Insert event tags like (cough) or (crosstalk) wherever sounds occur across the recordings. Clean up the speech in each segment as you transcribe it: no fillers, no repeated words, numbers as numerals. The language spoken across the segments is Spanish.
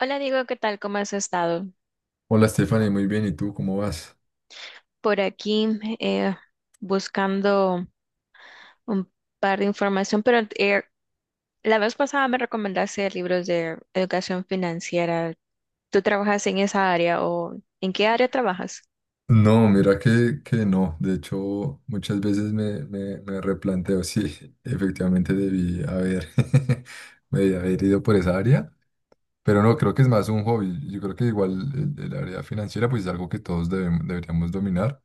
Hola Diego, ¿qué tal? ¿Cómo has estado? Hola Stephanie, muy bien, ¿y tú cómo vas? Por aquí eh, buscando un par de información, pero la vez pasada me recomendaste libros de educación financiera. ¿Tú trabajas en esa área o en qué área trabajas? No, mira que no, de hecho muchas veces me replanteo (laughs) si efectivamente debí haber, (laughs) me haber ido por esa área, pero no, creo que es más un hobby, yo creo que igual el área financiera pues es algo que todos deberíamos dominar,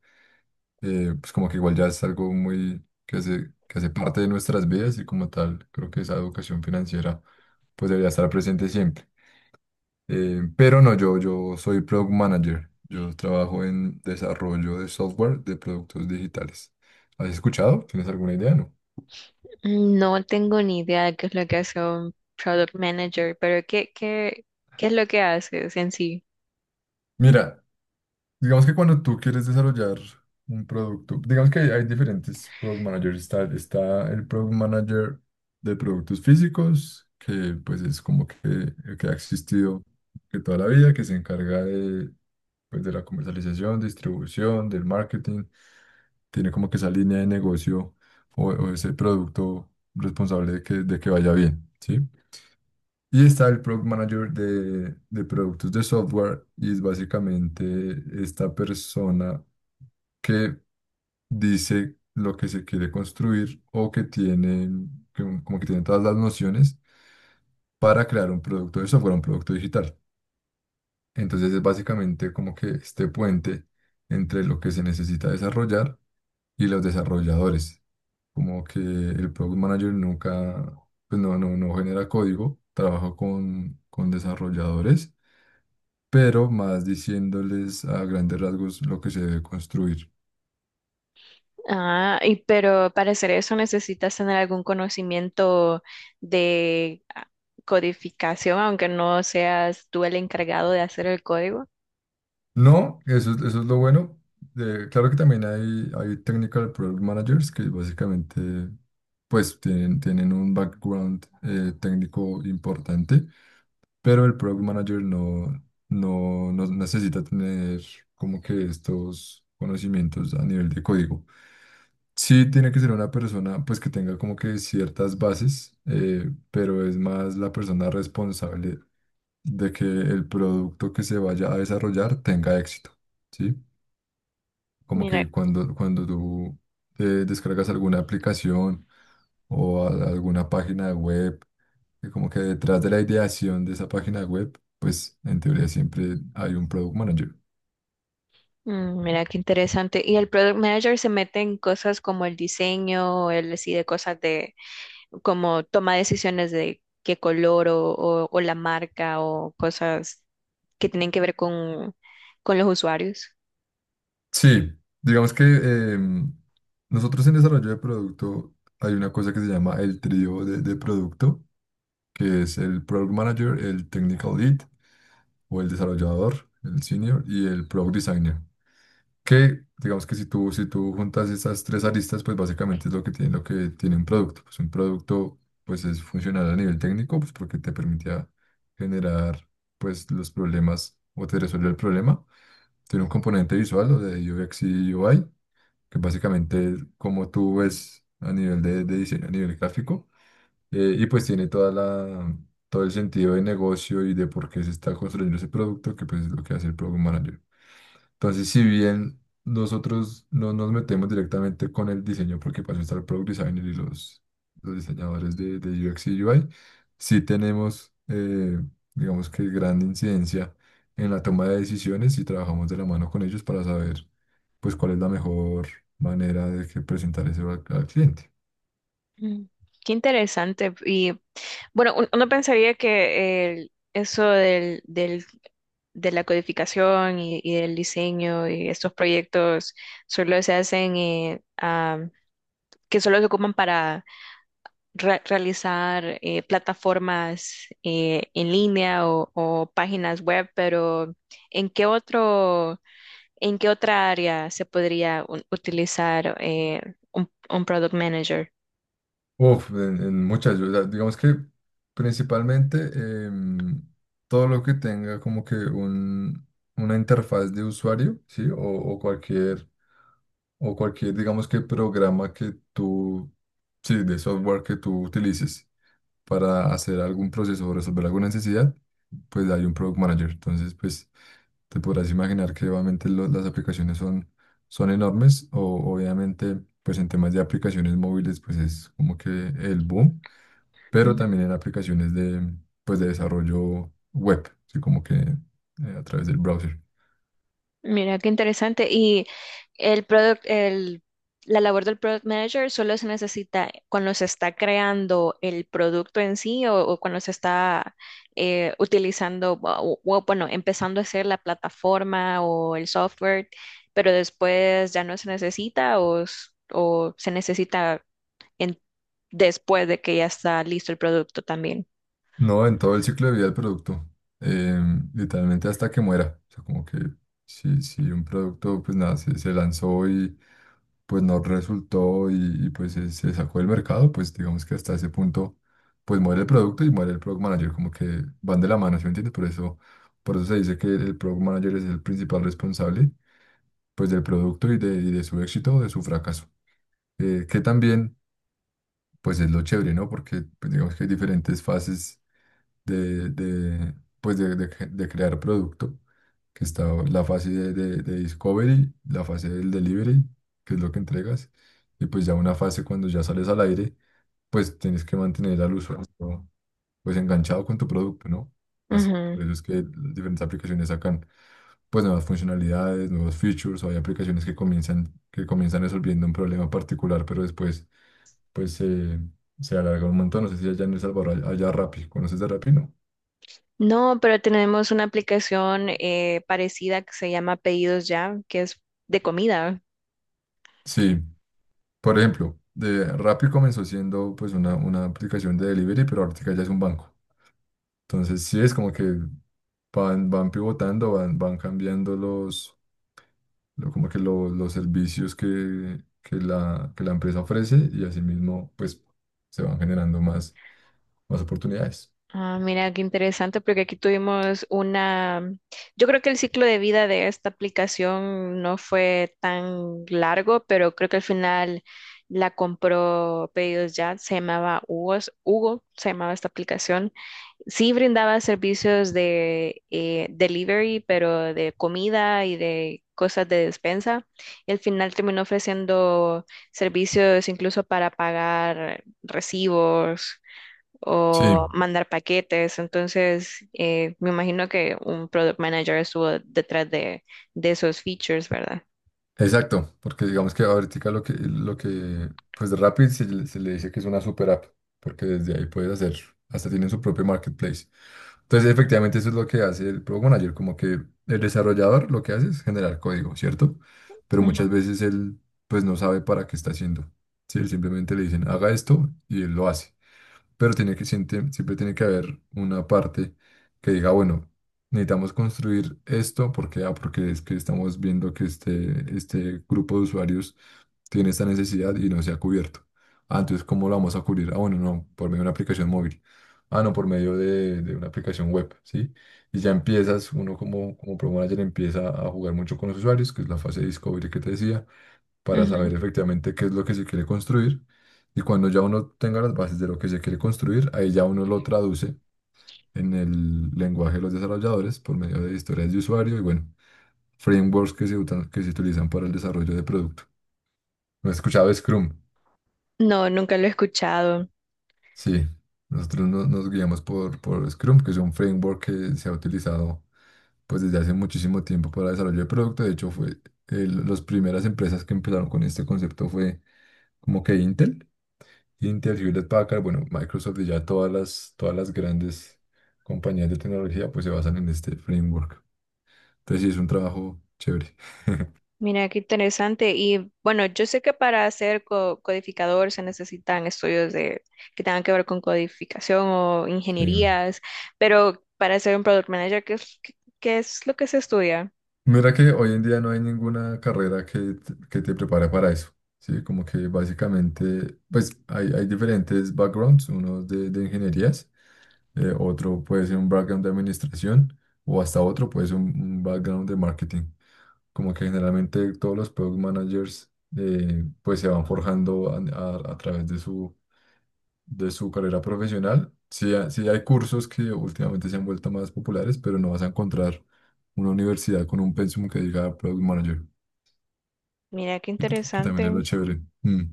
pues como que igual ya es algo muy que hace parte de nuestras vidas y como tal creo que esa educación financiera pues debería estar presente siempre. Pero no, yo soy Product Manager. Yo trabajo en desarrollo de software de productos digitales. ¿Has escuchado? ¿Tienes alguna idea? No. No tengo ni idea de qué es lo que hace un product manager, pero ¿qué es lo que haces en sí? Mira, digamos que cuando tú quieres desarrollar un producto, digamos que hay diferentes Product Managers. Está el Product Manager de productos físicos, que pues es como que, el que ha existido que toda la vida, que se encarga de, pues, de la comercialización, distribución, del marketing tiene como que esa línea de negocio o ese producto responsable de que vaya bien, ¿sí? Y está el Product Manager de productos de software y es básicamente esta persona que dice lo que se quiere construir o que tiene, como que tiene todas las nociones para crear un producto de software, un producto digital. Entonces es básicamente como que este puente entre lo que se necesita desarrollar y los desarrolladores. Como que el product manager nunca, pues no genera código, trabaja con desarrolladores, pero más diciéndoles a grandes rasgos lo que se debe construir. Ah, y pero para hacer eso necesitas tener algún conocimiento de codificación, aunque no seas tú el encargado de hacer el código. No, eso es lo bueno. Claro que también hay technical product managers que básicamente pues tienen un background técnico importante, pero el product manager no necesita tener como que estos conocimientos a nivel de código. Sí, tiene que ser una persona pues que tenga como que ciertas bases, pero es más la persona responsable de que el producto que se vaya a desarrollar tenga éxito, ¿sí? Como Mira, que cuando tú descargas alguna aplicación o alguna página web, que como que detrás de la ideación de esa página web, pues en teoría siempre hay un product manager. mm, mira qué interesante. Y el product manager se mete en cosas como el diseño, él decide cosas de, como toma decisiones de qué color o, o la marca o cosas que tienen que ver con los usuarios. Sí, digamos que nosotros en desarrollo de producto hay una cosa que se llama el trío de producto, que es el product manager, el technical lead o el desarrollador, el senior y el product designer. Que digamos que si tú juntas esas tres aristas, pues básicamente es lo que tiene un producto. Pues un producto pues es funcional a nivel técnico, pues porque te permitía generar pues los problemas o te resuelve el problema. Tiene un componente visual o de UX y UI que básicamente es como tú ves a nivel de diseño, a nivel gráfico, y pues tiene toda todo el sentido de negocio y de por qué se está construyendo ese producto, que pues es lo que hace el Product Manager. Entonces, si bien nosotros no nos metemos directamente con el diseño, porque para eso está el Product Designer y los diseñadores de UX y UI, sí tenemos, digamos que gran incidencia en la toma de decisiones y trabajamos de la mano con ellos para saber pues cuál es la mejor manera de que presentar eso al cliente. Mm, qué interesante. Y bueno, uno pensaría que eso de la codificación y del diseño y estos proyectos solo se hacen, que solo se ocupan para realizar plataformas en línea o páginas web, pero ¿en qué otro, en qué otra área se podría utilizar un product manager? Uf, en muchas, digamos que principalmente em, todo lo que tenga como que un, una interfaz de usuario, ¿sí? O cualquier, digamos que programa que tú, sí, de software que tú utilices para hacer algún proceso o resolver alguna necesidad, pues hay un product manager. Entonces, pues... te podrás imaginar que obviamente las aplicaciones son, son enormes o obviamente pues en temas de aplicaciones móviles pues es como que el boom, pero Ujú. también en aplicaciones de pues de desarrollo web, así como que a través del browser. Mira, qué interesante. El product, el, la labor del product manager solo se necesita cuando se está creando el producto en sí o cuando se está utilizando, o, bueno, empezando a hacer la plataforma o el software, pero después ya no se necesita o, o se necesita en- después de que ya está listo el producto también. No, en todo el ciclo de vida del producto. eh, literalmente hasta que muera. O sea, como que si, si un producto, pues nada, se lanzó y pues no resultó pues se sacó del mercado, pues digamos que hasta ese punto, pues muere el producto y muere el product manager. Como que van de la mano, ¿sí me entiendes? Por eso se dice que el product manager es el principal responsable, pues del producto y de su éxito o de su fracaso. Que también, pues es lo chévere, ¿no? Porque pues, digamos que hay diferentes fases de, de, pues de crear producto, que está la fase de discovery, la fase del delivery, que es lo que entregas, y pues ya una fase cuando ya sales al aire, pues tienes que mantener al usuario pues enganchado con tu producto, ¿no? Así, Ujú. por eso es que las diferentes aplicaciones sacan pues nuevas funcionalidades, nuevos features, o hay aplicaciones que comienzan resolviendo un problema particular, pero después pues se, se alarga un montón. No sé si allá en El Salvador haya Rappi, ¿conoces de Rappi, no? No, pero tenemos una aplicación parecida que se llama Pedidos Ya, que es de comida. Sí, por ejemplo, de Rappi comenzó siendo pues una aplicación de delivery, pero ahorita ya es un banco. Entonces sí es como que van, van pivotando, van cambiando los, lo- como que lo- los servicios que la empresa ofrece y asimismo pues se van generando más oportunidades. Ah, mira, qué interesante, porque aquí tuvimos una, yo creo que el ciclo de vida de esta aplicación no fue tan largo, pero creo que al final la compró Pedidos Ya, se llamaba Hugo, Hugo se llamaba esta aplicación. Sí brindaba servicios de delivery, pero de comida y de cosas de despensa. Y al final terminó ofreciendo servicios incluso para pagar recibos Sí. o mandar paquetes. Entonces, me imagino que un product manager estuvo detrás de esos features, ¿verdad? Exacto, porque digamos que ahorita pues Rapid se le dice que es una super app, porque desde ahí puedes hacer, hasta tienen su propio marketplace. Entonces, efectivamente, eso es lo que hace el Product Manager, como que el desarrollador lo que hace es generar código, ¿cierto? Pero muchas Ujú, veces él, pues no sabe para qué está haciendo. Sí, él simplemente le dicen, haga esto y él lo hace, pero tiene que, siempre, siempre tiene que haber una parte que diga, bueno, necesitamos construir esto porque, ah, porque es que estamos viendo que este grupo de usuarios tiene esta necesidad y no se ha cubierto. Ah, entonces, ¿cómo lo vamos a cubrir? Ah, bueno, no, por medio de una aplicación móvil. Ah, no, por medio de una aplicación web, ¿sí? Y ya empiezas, uno como, como Pro Manager empieza a jugar mucho con los usuarios, que es la fase de discovery que te decía para ujú. saber efectivamente qué es lo que se quiere construir. Y cuando ya uno tenga las bases de lo que se quiere construir, ahí ya uno lo traduce en el lenguaje de los desarrolladores por medio de historias de usuario y bueno, frameworks que se utilizan para el desarrollo de producto. ¿No he escuchado Scrum? No, nunca lo he escuchado. Sí, nosotros nos guiamos por Scrum, que es un framework que se ha utilizado pues desde hace muchísimo tiempo para el desarrollo de producto. De hecho, fue las primeras empresas que empezaron con este concepto fue como que Intel. Intel, Hewlett Packard, bueno, Microsoft y ya todas las grandes compañías de tecnología pues se basan en este framework. Entonces sí, es un trabajo chévere. Mira, qué interesante. Y bueno, yo sé que para ser codificador se necesitan estudios de, que tengan que ver con codificación o Sí. ingenierías, pero para ser un product manager, ¿qué qué es lo que se estudia? Mira que hoy en día no hay ninguna carrera que te prepare para eso. Sí, como que básicamente, pues hay diferentes backgrounds, uno de ingenierías, otro puede ser un background de administración o hasta otro puede ser un background de marketing. Como que generalmente todos los product managers pues se van forjando a través de su carrera profesional. Sí, sí hay cursos que últimamente se han vuelto más populares, pero no vas a encontrar una universidad con un pensum que diga product manager, Mira, qué que también es interesante. lo chévere. Mm,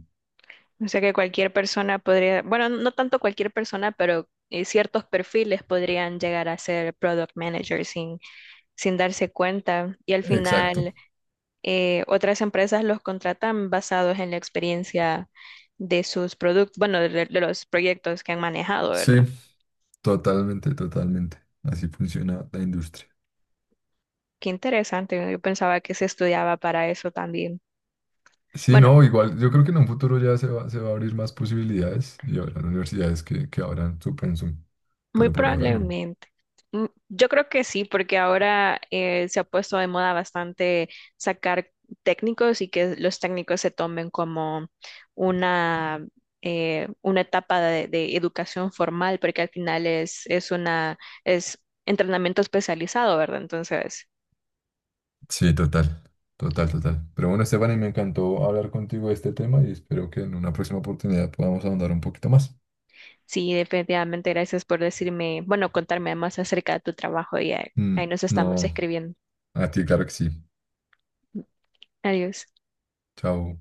O sea que cualquier persona podría, bueno, no tanto cualquier persona, pero ciertos perfiles podrían llegar a ser product manager sin, sin darse cuenta. Y al exacto. final, otras empresas los contratan basados en la experiencia de sus productos, bueno, de los proyectos que han manejado, Sí, ¿verdad? totalmente, totalmente. Así funciona la industria. Qué interesante. Yo pensaba que se estudiaba para eso también. Sí, Bueno, no, igual yo creo que en un futuro ya se va a abrir más posibilidades y habrá universidades que abran su pensum, muy pero por ahora no. probablemente. Mm, yo creo que sí, porque ahora se ha puesto de moda bastante sacar técnicos y que los técnicos se tomen como una, una etapa de educación formal, porque al final es una, es entrenamiento especializado, ¿verdad? Entonces, Sí, total, total, total. Pero bueno, Esteban, y me encantó hablar contigo de este tema y espero que en una próxima oportunidad podamos ahondar un poquito más. sí, definitivamente gracias por decirme, bueno, contarme más acerca de tu trabajo y ahí, ahí Mm, nos estamos no, escribiendo. a ti, claro que sí. Adiós. Chao.